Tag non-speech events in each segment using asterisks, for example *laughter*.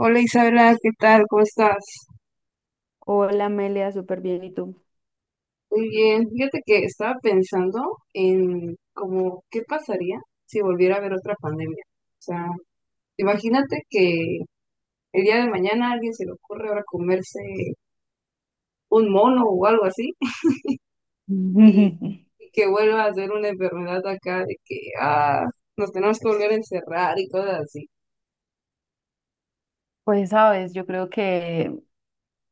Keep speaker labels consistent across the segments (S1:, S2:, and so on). S1: Hola Isabela, ¿qué tal? ¿Cómo estás?
S2: Hola Amelia, súper bien. ¿Y tú?
S1: Muy bien. Fíjate que estaba pensando en como qué pasaría si volviera a haber otra pandemia. O sea, imagínate que el día de mañana a alguien se le ocurre ahora comerse un mono o algo así. *laughs* y,
S2: *laughs*
S1: y que vuelva a ser una enfermedad acá de que ah, nos tenemos que volver a encerrar y cosas así.
S2: Pues sabes, yo creo que,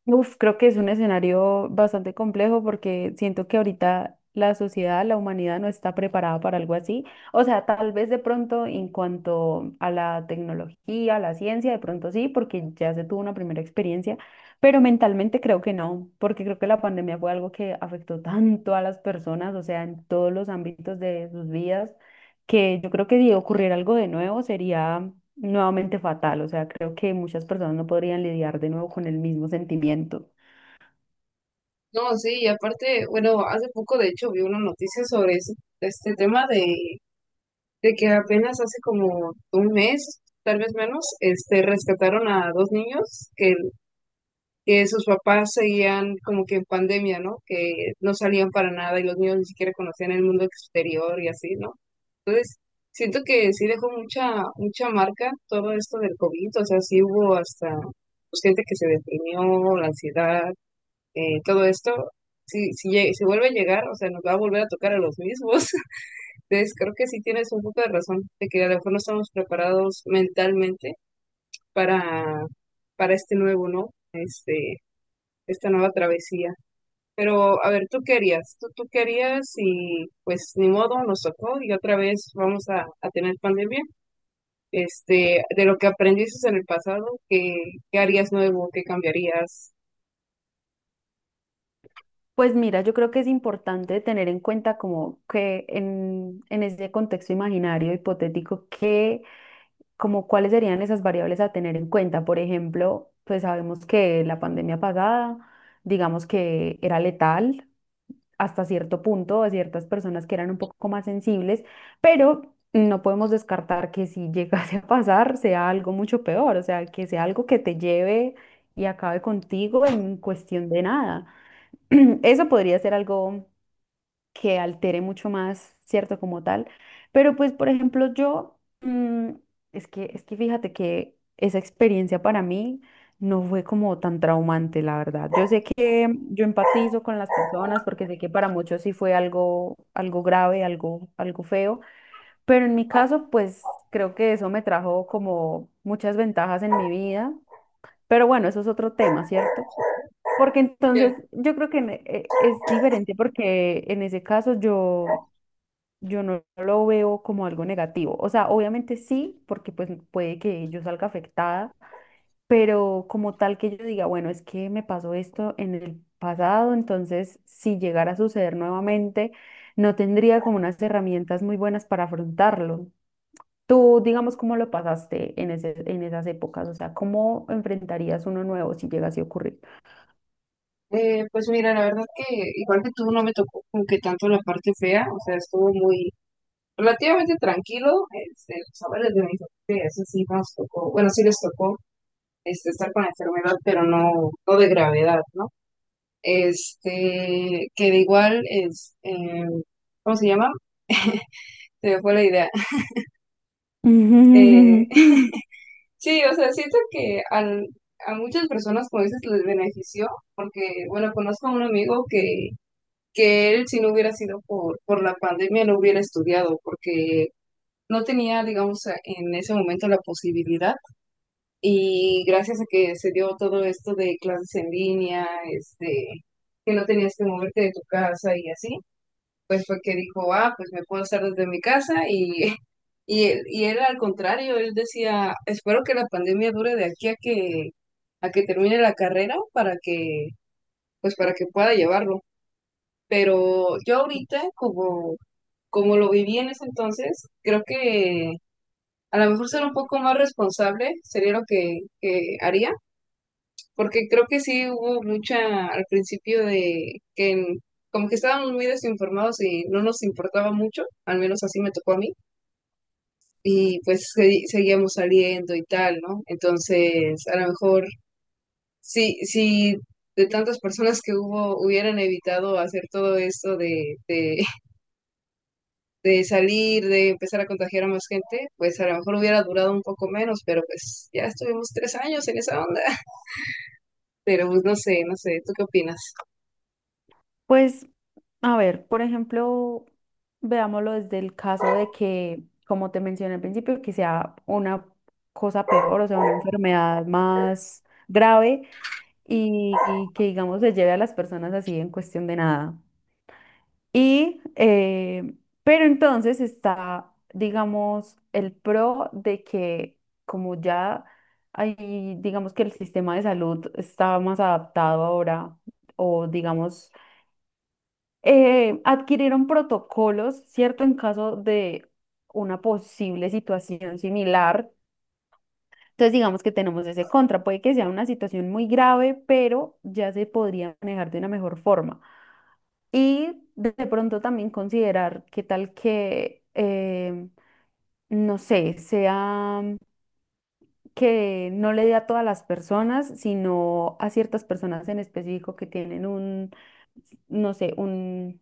S2: Uf, creo que es un escenario bastante complejo porque siento que ahorita la sociedad, la humanidad no está preparada para algo así. O sea, tal vez de pronto en cuanto a la tecnología, a la ciencia, de pronto sí, porque ya se tuvo una primera experiencia, pero mentalmente creo que no, porque creo que la pandemia fue algo que afectó tanto a las personas, o sea, en todos los ámbitos de sus vidas, que yo creo que si ocurriera algo de nuevo sería nuevamente fatal. O sea, creo que muchas personas no podrían lidiar de nuevo con el mismo sentimiento.
S1: No, sí, y aparte, bueno, hace poco de hecho vi una noticia sobre este tema de que apenas hace como un mes, tal vez menos, este, rescataron a dos niños que sus papás seguían como que en pandemia, ¿no? Que no salían para nada y los niños ni siquiera conocían el mundo exterior y así, ¿no? Entonces, siento que sí dejó mucha, mucha marca todo esto del COVID, o sea, sí hubo hasta pues, gente que se deprimió, la ansiedad, todo esto. Si vuelve a llegar, o sea, nos va a volver a tocar a los mismos. Entonces, creo que sí tienes un poco de razón, de que a lo mejor no estamos preparados mentalmente para, para este nuevo, ¿no? Este, esta nueva travesía. Pero, a ver, ¿tú qué harías? ¿Tú qué harías? Y pues ni modo, nos tocó y otra vez vamos a tener pandemia. Este, de lo que aprendiste en el pasado, qué harías nuevo? ¿Qué cambiarías?
S2: Pues mira, yo creo que es importante tener en cuenta como que en ese contexto imaginario hipotético, que como cuáles serían esas variables a tener en cuenta. Por ejemplo, pues sabemos que la pandemia pasada, digamos que era letal, hasta cierto punto a ciertas personas que eran un poco más sensibles, pero no podemos descartar que si *laughs* llegase a pasar sea algo mucho peor, o sea, que sea algo que te lleve y acabe contigo en cuestión de nada. *clears throat* Eso podría ser algo que altere mucho más, ¿cierto? Como tal. Pero pues, por ejemplo, yo, es que fíjate que esa experiencia para mí no fue como tan traumante, la verdad. Yo sé que yo empatizo con las personas porque sé que para muchos sí fue algo, algo grave, algo, algo feo, pero en mi caso, pues creo que eso me trajo como muchas ventajas en mi vida. Pero bueno, eso es otro tema, ¿cierto? Porque
S1: Ya,
S2: entonces yo creo que es diferente porque en ese caso yo no lo veo como algo negativo. O sea, obviamente sí, porque pues puede que yo salga afectada, pero como tal que yo diga, bueno, es que me pasó esto en el pasado, entonces si llegara a suceder nuevamente, no tendría como unas herramientas muy buenas para afrontarlo. Tú, digamos, ¿cómo lo pasaste en esas épocas? O sea, ¿cómo enfrentarías uno nuevo si llegase a ocurrir?
S1: pues mira, la verdad que igual que tú no me tocó como que tanto la parte fea, o sea, estuvo muy relativamente tranquilo, este, los saberes de mis familia, eso sí nos tocó, bueno, sí les tocó este, estar con la enfermedad, pero no, no de gravedad, ¿no? Este, que de igual es, ¿cómo se llama? Se me fue la idea. *laughs* Eh,
S2: *laughs*
S1: sí, o sea, siento que a muchas personas, como dices, les benefició, porque, bueno, conozco a un amigo que él, si no hubiera sido por la pandemia, no hubiera estudiado, porque no tenía, digamos, en ese momento la posibilidad. Y gracias a que se dio todo esto de clases en línea, este, que no tenías que moverte de tu casa y así, pues fue que dijo, ah, pues me puedo hacer desde mi casa *laughs* y él al contrario, él decía, espero que la pandemia dure de aquí a que termine la carrera pues para que pueda llevarlo. Pero yo ahorita, como, como lo viví en ese entonces, creo que a lo mejor ser un poco más responsable sería lo que haría porque creo que sí hubo mucha al principio de que como que estábamos muy desinformados y no nos importaba mucho, al menos así me tocó a mí, y pues seguíamos saliendo y tal, ¿no? Entonces, a lo mejor sí, sí. De tantas personas que hubo, hubieran evitado hacer todo esto de *laughs* de salir, de empezar a contagiar a más gente, pues a lo mejor hubiera durado un poco menos, pero pues ya estuvimos 3 años en esa onda. *laughs* Pero pues no sé, no sé, ¿tú qué opinas?
S2: Pues a ver, por ejemplo, veámoslo desde el caso de que, como te mencioné al principio, que sea una cosa peor, o sea, una enfermedad más grave y que, digamos, se lleve a las personas así en cuestión de nada. Y, eh, pero entonces está, digamos, el pro de que como ya hay, digamos que el sistema de salud está más adaptado ahora, o digamos adquirieron protocolos, ¿cierto? En caso de una posible situación similar. Entonces, digamos que tenemos ese contra. Puede que sea una situación muy grave, pero ya se podría manejar de una mejor forma. Y de pronto también considerar qué tal que, no sé, sea que no le dé a todas las personas, sino a ciertas personas en específico que tienen un, no sé, un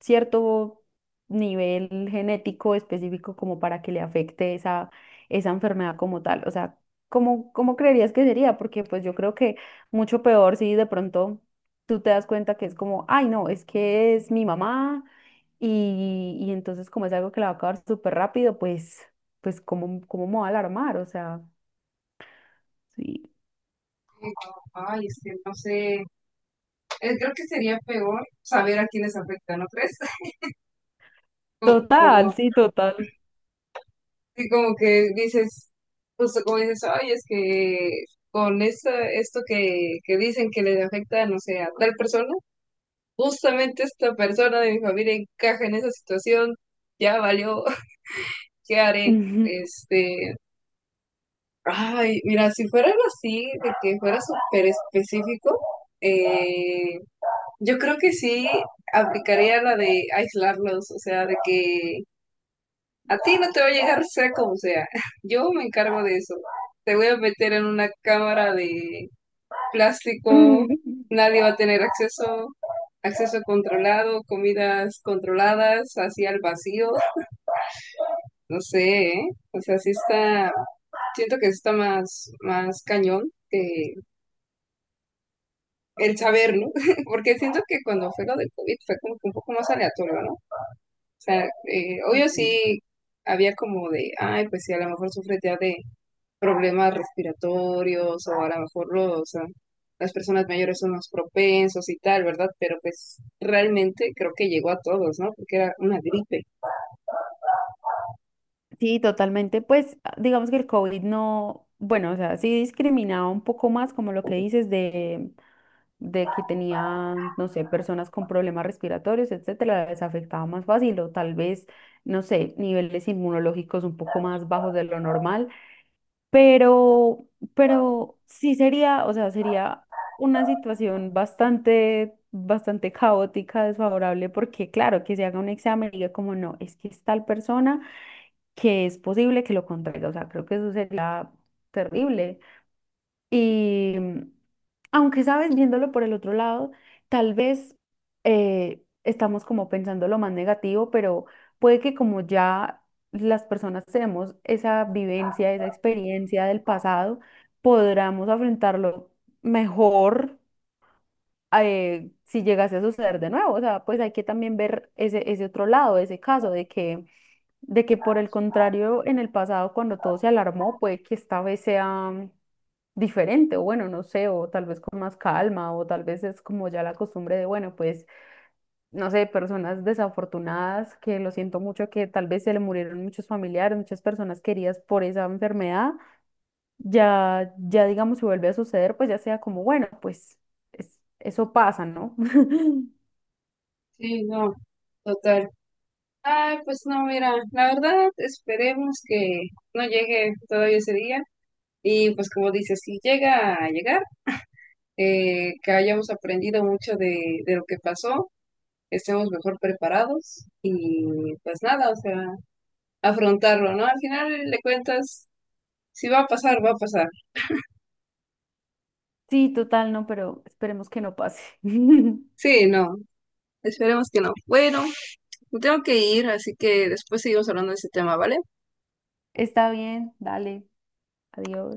S2: cierto nivel genético específico como para que le afecte esa enfermedad como tal. O sea, ¿cómo, cómo creerías que sería? Porque pues yo creo que mucho peor si de pronto tú te das cuenta que es como, ay, no, es que es mi mamá y entonces como es algo que la va a acabar súper rápido, pues, pues ¿cómo, cómo me va a alarmar? O sea... Sí,
S1: Eh, Ay, es que no sé. Creo que sería peor saber a quiénes afecta, ¿no crees? *laughs* Como, como,
S2: total, sí, total.
S1: sí, como que dices, justo como dices, ay, es que con esto, esto que dicen que les afecta, no sé, a tal persona, justamente esta persona de mi familia encaja en esa situación, ya valió, *laughs* ¿qué haré?
S2: Ujú.
S1: Este, ay, mira, si fuera algo así, de que fuera súper específico, eh, yo creo que sí aplicaría la de aislarlos, o sea, de que a ti no te va a llegar sea como sea. *laughs* Yo me encargo de eso. Te voy a meter en una cámara de
S2: *laughs*
S1: plástico,
S2: Ujú.
S1: nadie va a tener acceso, acceso controlado, comidas controladas, así al vacío. No sé, ¿eh? O sea, sí está, siento que está más, más cañón que el saber, ¿no? *laughs* Porque siento que cuando fue lo del COVID fue como que un poco más aleatorio, ¿no? O sea, obvio
S2: Sí,
S1: sí había como de, ay, pues sí, a lo mejor sufre ya de problemas respiratorios o a lo mejor o sea, las personas mayores son más propensos y tal, ¿verdad? Pero pues realmente creo que llegó a todos, ¿no? Porque era una gripe.
S2: sí, totalmente. Pues ah, digamos que el COVID no, bueno, o sea, sí discriminaba un poco más como lo que dices de que tenía, no sé, personas con problemas respiratorios, etcétera, les afectaba más fácil o tal vez, no sé, niveles inmunológicos un poco más bajos de lo normal. Pero, pero sí sería, o sea, sería una situación bastante, bastante caótica, desfavorable, porque claro, que se haga un examen y diga como no, es que es tal persona que es posible que lo contraiga. O sea, creo que eso sería terrible. Y aunque sabes, viéndolo por el otro lado, tal vez estamos como pensando lo más negativo, pero puede que como ya las personas tenemos esa vivencia, esa experiencia del pasado, podamos afrontarlo mejor si llegase a suceder de nuevo. O sea, pues hay que también ver ese otro lado, ese caso de que por el contrario, en el pasado, cuando todo se alarmó, puede que esta vez sea diferente, o bueno, no sé, o tal vez con más calma, o tal vez es como ya la costumbre de, bueno, pues, no sé, personas desafortunadas, que lo siento mucho, que tal vez se le murieron muchos familiares, muchas personas queridas por esa enfermedad, ya digamos, si vuelve a suceder, pues ya sea como, bueno, pues eso pasa, ¿no? *laughs*
S1: Sí, no, total. Ay, pues no, mira, la verdad esperemos que no llegue todavía ese día. Y pues como dices, si llega a llegar, que hayamos aprendido mucho de lo que pasó, estemos mejor preparados y pues nada, o sea, afrontarlo, ¿no? Al final le cuentas, si va a pasar, va a pasar.
S2: Sí, total, no, pero esperemos que no pase. *laughs*
S1: Sí, no, esperemos que no. Bueno, me tengo que ir, así que después seguimos hablando de este tema, ¿vale?
S2: Está bien, dale, adiós.